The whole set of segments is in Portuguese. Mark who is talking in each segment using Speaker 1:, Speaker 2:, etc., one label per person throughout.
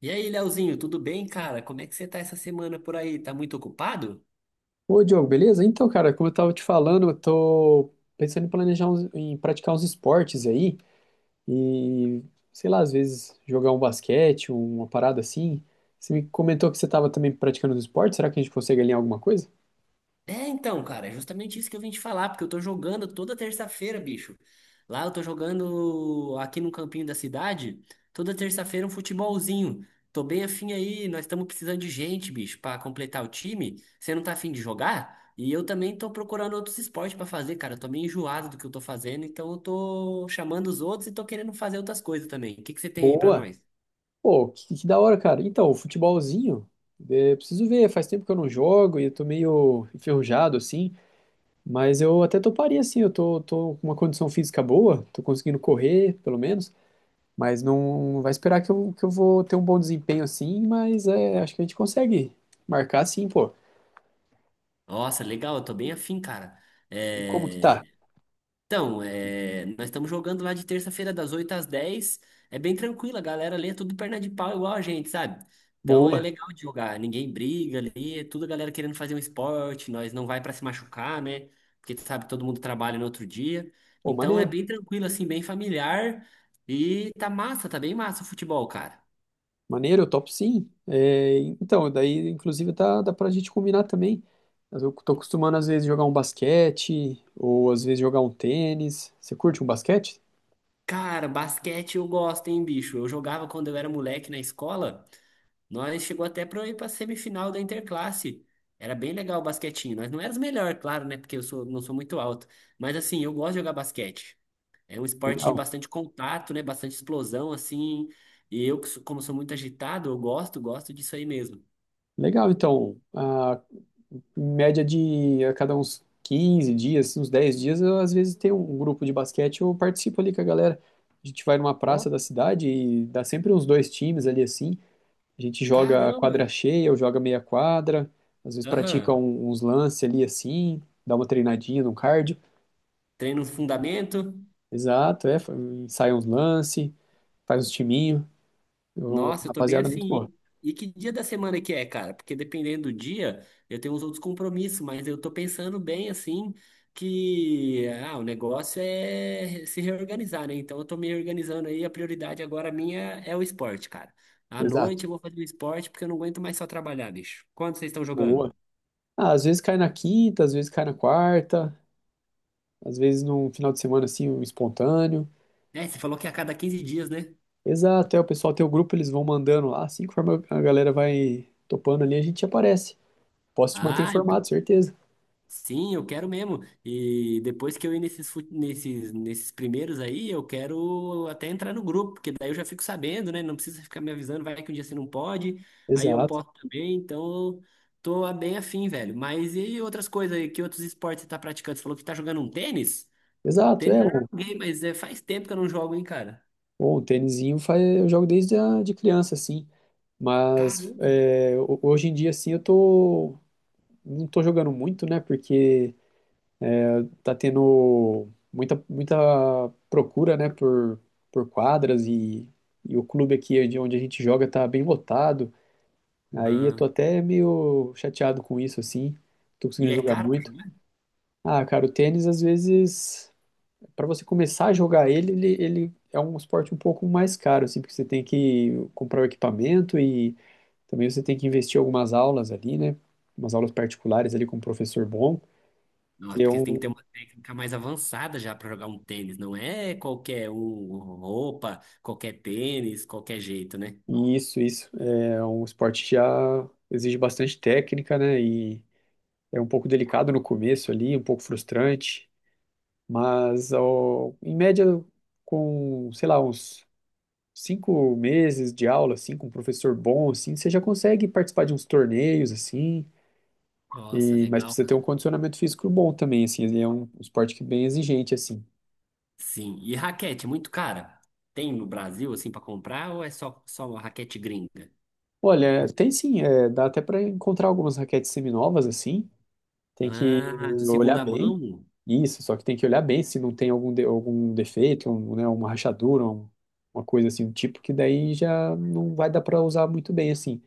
Speaker 1: E aí, Leozinho, tudo bem, cara? Como é que você tá essa semana por aí? Tá muito ocupado?
Speaker 2: Ô, Diogo, beleza? Então, cara, como eu tava te falando, eu tô pensando em praticar uns esportes aí e, sei lá, às vezes jogar um basquete, uma parada assim. Você me comentou que você tava também praticando uns esportes, será que a gente consegue alinhar alguma coisa?
Speaker 1: É, então, cara, é justamente isso que eu vim te falar, porque eu tô jogando toda terça-feira, bicho. Lá eu tô jogando aqui no campinho da cidade, toda terça-feira um futebolzinho. Tô bem afim aí, nós estamos precisando de gente, bicho, pra completar o time. Você não tá afim de jogar? E eu também tô procurando outros esportes pra fazer, cara. Eu tô meio enjoado do que eu tô fazendo, então eu tô chamando os outros e tô querendo fazer outras coisas também. O que que você tem aí pra
Speaker 2: Boa!
Speaker 1: nós?
Speaker 2: Pô, que da hora, cara. Então, o futebolzinho, preciso ver, faz tempo que eu não jogo e eu tô meio enferrujado assim, mas eu até toparia assim, eu tô com uma condição física boa, tô conseguindo correr, pelo menos. Mas não vai esperar que eu vou ter um bom desempenho assim, mas acho que a gente consegue marcar sim, pô.
Speaker 1: Nossa, legal, eu tô bem afim, cara.
Speaker 2: E como que
Speaker 1: É,
Speaker 2: tá?
Speaker 1: então, é, nós estamos jogando lá de terça-feira das 8 às 10. É bem tranquilo, a galera ali é tudo perna de pau igual a gente, sabe? Então é
Speaker 2: Boa.
Speaker 1: legal de jogar, ninguém briga ali, é tudo a galera querendo fazer um esporte, nós não vai pra se machucar, né? Porque tu sabe, todo mundo trabalha no outro dia.
Speaker 2: Pô,
Speaker 1: Então é
Speaker 2: maneiro.
Speaker 1: bem tranquilo, assim, bem familiar. E tá massa, tá bem massa o futebol, cara.
Speaker 2: Maneiro, eu topo sim. É, então, daí inclusive tá, dá pra gente combinar também. Mas eu tô acostumando às vezes jogar um basquete, ou às vezes jogar um tênis. Você curte um basquete?
Speaker 1: Cara, basquete eu gosto, hein, bicho? Eu jogava quando eu era moleque na escola. Nós chegou até para ir para semifinal da Interclasse. Era bem legal o basquetinho. Nós não éramos melhor, claro, né? Porque eu sou, não sou muito alto. Mas assim, eu gosto de jogar basquete. É um esporte de
Speaker 2: Legal.
Speaker 1: bastante contato, né? Bastante explosão, assim. E eu, que como sou muito agitado, eu gosto, gosto disso aí mesmo.
Speaker 2: Legal, então. Em média de a cada uns 15 dias, assim, uns 10 dias, eu às vezes tem um grupo de basquete, eu participo ali com a galera. A gente vai numa
Speaker 1: Ó,
Speaker 2: praça da cidade e dá sempre uns dois times ali assim. A gente joga
Speaker 1: caramba!
Speaker 2: quadra cheia, eu joga meia quadra, às vezes pratica
Speaker 1: Aham.
Speaker 2: uns lances ali assim, dá uma treinadinha no cardio.
Speaker 1: Treino fundamento.
Speaker 2: Exato, ensaia uns lances, faz uns timinho. Eu-
Speaker 1: Nossa, eu tô bem
Speaker 2: rapaziada, muito boa.
Speaker 1: afim. E que dia da semana que é, cara? Porque dependendo do dia, eu tenho uns outros compromissos, mas eu tô pensando bem assim que ah, o negócio é se reorganizar, né? Então eu tô me organizando aí, a prioridade agora minha é o esporte, cara. À
Speaker 2: Exato,
Speaker 1: noite eu vou fazer o esporte porque eu não aguento mais só trabalhar, bicho. Quando vocês estão jogando?
Speaker 2: boa. Às vezes cai na quinta, às vezes cai na quarta, às vezes num final de semana assim, um espontâneo.
Speaker 1: É, você falou que é a cada 15 dias, né?
Speaker 2: Exato, o pessoal tem o grupo, eles vão mandando lá, assim conforme a galera vai topando ali, a gente aparece. Posso te manter
Speaker 1: Ah,
Speaker 2: informado, certeza.
Speaker 1: sim, eu quero mesmo. E depois que eu ir nesses, nesses primeiros aí, eu quero até entrar no grupo, porque daí eu já fico sabendo, né? Não precisa ficar me avisando, vai que um dia você não pode, aí eu
Speaker 2: Exato,
Speaker 1: posso também, então eu tô bem afim, velho. Mas e outras coisas aí, que outros esportes você tá praticando? Você falou que tá jogando um tênis?
Speaker 2: exato,
Speaker 1: Tênis
Speaker 2: é,
Speaker 1: eu já
Speaker 2: o,
Speaker 1: joguei, mas é, faz tempo que eu não jogo, hein, cara?
Speaker 2: o tênisinho faz, eu jogo desde de criança, assim, mas
Speaker 1: Caramba.
Speaker 2: hoje em dia, assim, não tô jogando muito, né, porque tá tendo muita, muita procura, né, por quadras e o clube aqui de onde a gente joga tá bem lotado, aí eu
Speaker 1: Ah,
Speaker 2: tô até meio chateado com isso, assim. Tô
Speaker 1: e
Speaker 2: conseguindo
Speaker 1: é
Speaker 2: jogar
Speaker 1: caro?
Speaker 2: muito. Ah, cara, o tênis, às vezes, para você começar a jogar ele é um esporte um pouco mais caro, assim, porque você tem que comprar o equipamento e também você tem que investir em algumas aulas ali, né? Umas aulas particulares ali com um professor bom,
Speaker 1: Nossa,
Speaker 2: que é
Speaker 1: porque tem que ter
Speaker 2: um.
Speaker 1: uma técnica mais avançada já para jogar um tênis, não é qualquer um, roupa, qualquer tênis, qualquer jeito, né?
Speaker 2: E isso, isso. É um esporte que já exige bastante técnica, né? E é um pouco delicado no começo ali, um pouco frustrante. Mas, ó, em média, com, sei lá, uns 5 meses de aula, assim, com um professor bom, assim, você já consegue participar de uns torneios, assim,
Speaker 1: Nossa,
Speaker 2: mas
Speaker 1: legal,
Speaker 2: precisa ter
Speaker 1: cara.
Speaker 2: um condicionamento físico bom também, assim, ele é um esporte que é bem exigente, assim.
Speaker 1: Sim, e raquete, muito cara. Tem no Brasil assim para comprar ou é só uma raquete gringa?
Speaker 2: Olha, tem sim, dá até para encontrar algumas raquetes seminovas, assim, tem que
Speaker 1: Ah, de
Speaker 2: olhar
Speaker 1: segunda
Speaker 2: bem,
Speaker 1: mão?
Speaker 2: isso, só que tem que olhar bem se não tem algum defeito, um, né, uma rachadura, uma coisa assim, um tipo que daí já não vai dar para usar muito bem, assim.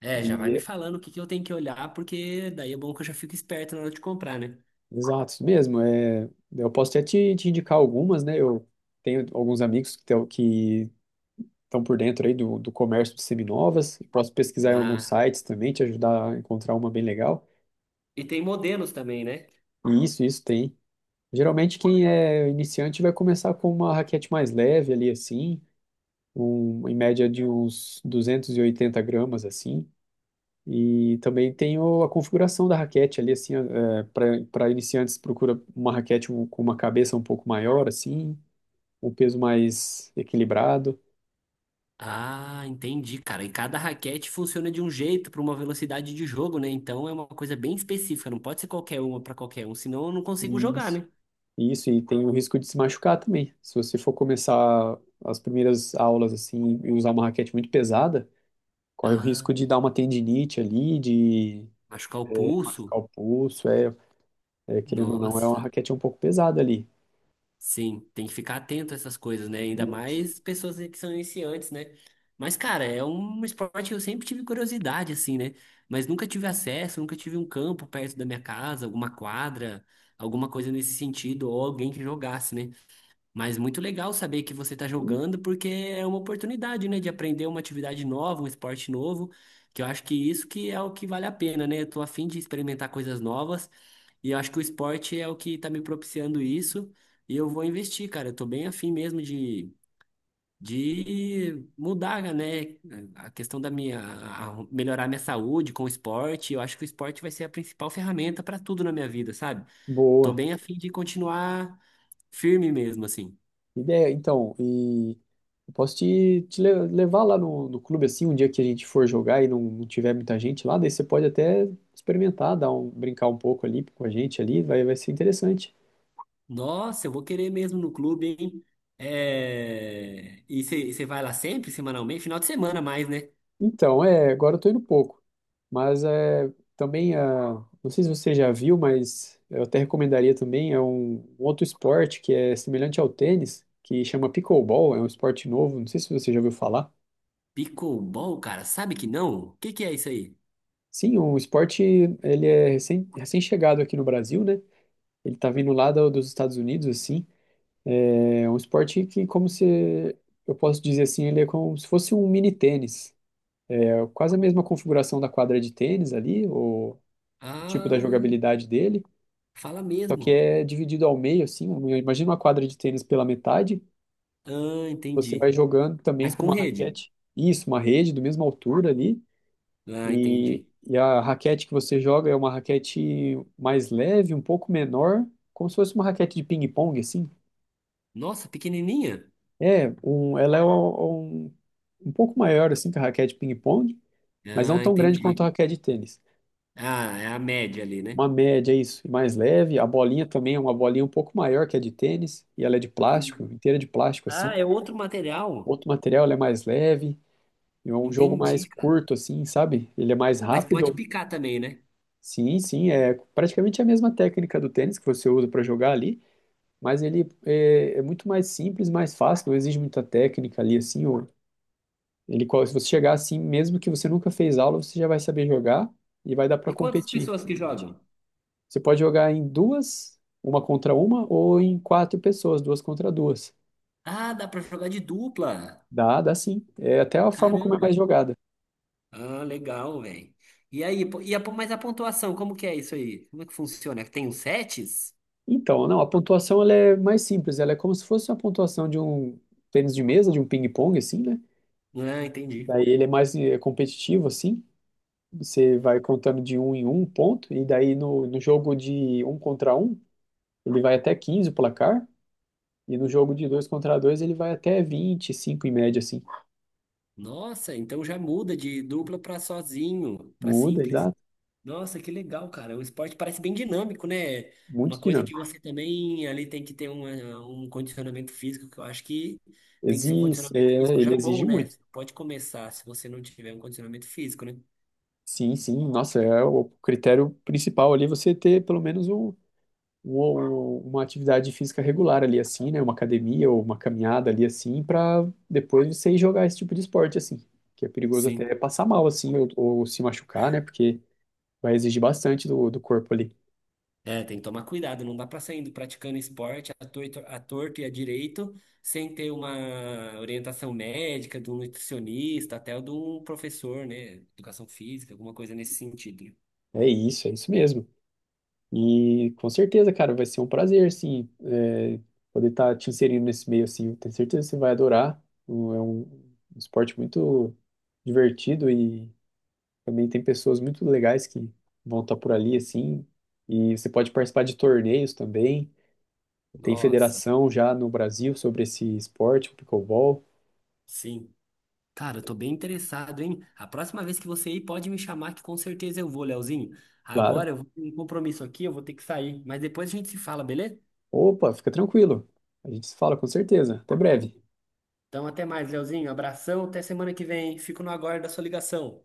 Speaker 1: É, já vai me
Speaker 2: E-
Speaker 1: falando o que que eu tenho que olhar, porque daí é bom que eu já fico esperto na hora de comprar, né?
Speaker 2: Exato, isso mesmo. É, eu posso até te indicar algumas, né? Eu tenho alguns amigos que estão por dentro aí do comércio de seminovas. Posso pesquisar em alguns
Speaker 1: Ah,
Speaker 2: sites também, te ajudar a encontrar uma bem legal.
Speaker 1: e tem modelos também, né?
Speaker 2: E isso tem. Geralmente quem é iniciante vai começar com uma raquete mais leve ali assim, em média de uns 280 gramas assim. E também tem a configuração da raquete ali, assim, para iniciantes, procura uma raquete com uma cabeça um pouco maior, assim, um peso mais equilibrado.
Speaker 1: Ah, entendi, cara. E cada raquete funciona de um jeito para uma velocidade de jogo, né? Então é uma coisa bem específica, não pode ser qualquer uma para qualquer um, senão eu não consigo jogar,
Speaker 2: Isso.
Speaker 1: né?
Speaker 2: Isso, e tem o risco de se machucar também. Se você for começar as primeiras aulas, assim, e usar uma raquete muito pesada, corre o
Speaker 1: Ah,
Speaker 2: risco de dar uma tendinite ali, de
Speaker 1: machucar o pulso.
Speaker 2: machucar o pulso, querendo ou não, é uma
Speaker 1: Nossa.
Speaker 2: raquete um pouco pesada ali.
Speaker 1: Sim, tem que ficar atento a essas coisas, né? Ainda
Speaker 2: Isso.
Speaker 1: mais pessoas que são iniciantes, né? Mas, cara, é um esporte que eu sempre tive curiosidade, assim, né? Mas nunca tive acesso, nunca tive um campo perto da minha casa, alguma quadra, alguma coisa nesse sentido, ou alguém que jogasse, né? Mas muito legal saber que você está jogando, porque é uma oportunidade, né, de aprender uma atividade nova, um esporte novo, que eu acho que isso que é o que vale a pena, né? Eu tô a fim de experimentar coisas novas, e eu acho que o esporte é o que está me propiciando isso, e eu vou investir, cara. Eu tô bem a fim mesmo de mudar, né, a questão da minha, melhorar minha saúde com o esporte. Eu acho que o esporte vai ser a principal ferramenta para tudo na minha vida, sabe? Tô
Speaker 2: Boa.
Speaker 1: bem a fim de continuar firme mesmo, assim.
Speaker 2: Ideia, então, e eu posso te levar lá no clube assim, um dia que a gente for jogar e não tiver muita gente lá, daí você pode até experimentar, brincar um pouco ali com a gente ali, vai ser interessante.
Speaker 1: Nossa, eu vou querer mesmo no clube, hein? É... E você vai lá sempre, semanalmente? Final de semana mais, né?
Speaker 2: Então, agora eu tô indo pouco, mas também, não sei se você já viu, mas eu até recomendaria também, é um outro esporte que é semelhante ao tênis, que chama pickleball, é um esporte novo, não sei se você já ouviu falar.
Speaker 1: Pickleball, cara, sabe que não? O que que é isso aí?
Speaker 2: Sim, o esporte, ele é recém-chegado aqui no Brasil, né? Ele tá vindo lá dos Estados Unidos, assim. É um esporte que, como se. Eu posso dizer assim, ele é como se fosse um mini tênis. É quase a mesma configuração da quadra de tênis ali, o tipo da
Speaker 1: Ah,
Speaker 2: jogabilidade dele.
Speaker 1: fala
Speaker 2: Só que
Speaker 1: mesmo.
Speaker 2: é dividido ao meio, assim. Imagina uma quadra de tênis pela metade.
Speaker 1: Ah,
Speaker 2: Você vai
Speaker 1: entendi.
Speaker 2: jogando também
Speaker 1: Mas
Speaker 2: com
Speaker 1: com
Speaker 2: uma
Speaker 1: rede?
Speaker 2: raquete. Isso, uma rede do mesma altura ali.
Speaker 1: Ah,
Speaker 2: E,
Speaker 1: entendi.
Speaker 2: e a raquete que você joga é uma raquete mais leve, um pouco menor, como se fosse uma raquete de ping-pong, assim.
Speaker 1: Nossa, pequenininha?
Speaker 2: Ela é um pouco maior assim que a raquete de ping-pong, mas não
Speaker 1: Ah,
Speaker 2: tão grande quanto a
Speaker 1: entendi.
Speaker 2: raquete de tênis.
Speaker 1: Ah, é a média ali, né?
Speaker 2: Uma média, é isso, e mais leve. A bolinha também é uma bolinha um pouco maior que a de tênis, e ela é de plástico, inteira de plástico
Speaker 1: Ah,
Speaker 2: assim.
Speaker 1: é outro material?
Speaker 2: Outro material, ela é mais leve, e é um jogo
Speaker 1: Entendi,
Speaker 2: mais
Speaker 1: cara.
Speaker 2: curto assim, sabe? Ele é mais
Speaker 1: Mas pode
Speaker 2: rápido.
Speaker 1: picar também, né?
Speaker 2: Sim, sim, é praticamente a mesma técnica do tênis que você usa para jogar ali, mas ele é muito mais simples, mais fácil, não exige muita técnica ali assim. Se você chegar assim, mesmo que você nunca fez aula, você já vai saber jogar e vai dar para
Speaker 1: E quantas
Speaker 2: competir,
Speaker 1: pessoas
Speaker 2: se
Speaker 1: que
Speaker 2: divertir.
Speaker 1: jogam?
Speaker 2: Você pode jogar em duas, uma contra uma, ou em quatro pessoas, duas contra duas.
Speaker 1: Ah, dá pra jogar de dupla.
Speaker 2: Dá, dá sim. É até a forma como é
Speaker 1: Caramba.
Speaker 2: mais jogada.
Speaker 1: Ah, legal, velho. E aí, mas a pontuação, como que é isso aí? Como é que funciona? Tem os sets?
Speaker 2: Então, não, a pontuação ela é mais simples, ela é como se fosse uma pontuação de um tênis de mesa, de um ping-pong, assim, né?
Speaker 1: Ah, entendi.
Speaker 2: Daí ele é mais competitivo, assim. Você vai contando de um em um ponto, e daí no jogo de um contra um, ele vai até 15 o placar. E no jogo de dois contra dois ele vai até 25 em média, assim.
Speaker 1: Nossa, então já muda de dupla para sozinho, para
Speaker 2: Muda,
Speaker 1: simples.
Speaker 2: exato.
Speaker 1: Nossa, que legal, cara. O esporte parece bem dinâmico, né? É uma
Speaker 2: Muito
Speaker 1: coisa que
Speaker 2: dinâmico.
Speaker 1: você também ali tem que ter um, eh, um condicionamento físico, que eu acho que tem que ser um
Speaker 2: Exige, é,
Speaker 1: condicionamento físico
Speaker 2: ele
Speaker 1: já bom,
Speaker 2: exige
Speaker 1: né?
Speaker 2: muito.
Speaker 1: Pode começar se você não tiver um condicionamento físico, né?
Speaker 2: Sim, sim. Nossa, é o critério principal ali você ter pelo menos um- uma atividade física regular ali, assim, né? Uma academia ou uma caminhada ali, assim, para depois você ir jogar esse tipo de esporte, assim. Que é perigoso
Speaker 1: Sim.
Speaker 2: até passar mal, assim, ou se machucar, né? Porque vai exigir bastante do corpo ali.
Speaker 1: É, tem que tomar cuidado, não dá pra sair indo praticando esporte a torto e a direito sem ter uma orientação médica, de um nutricionista, até de um professor, né? Educação física, alguma coisa nesse sentido, né?
Speaker 2: É isso mesmo. E com certeza, cara, vai ser um prazer, assim, poder estar te inserindo nesse meio, assim. Eu tenho certeza que você vai adorar. É um esporte muito divertido e também tem pessoas muito legais que vão estar por ali, assim. E você pode participar de torneios também. Tem
Speaker 1: Nossa,
Speaker 2: federação já no Brasil sobre esse esporte, o pickleball,
Speaker 1: sim. Cara, eu tô bem interessado, hein? A próxima vez que você ir, pode me chamar, que com certeza eu vou, Leozinho.
Speaker 2: claro.
Speaker 1: Agora eu vou ter um compromisso aqui, eu vou ter que sair, mas depois a gente se fala, beleza?
Speaker 2: Opa, fica tranquilo. A gente se fala com certeza. Até breve.
Speaker 1: Então, até mais, Leozinho. Abração, até semana que vem. Fico no aguardo da sua ligação.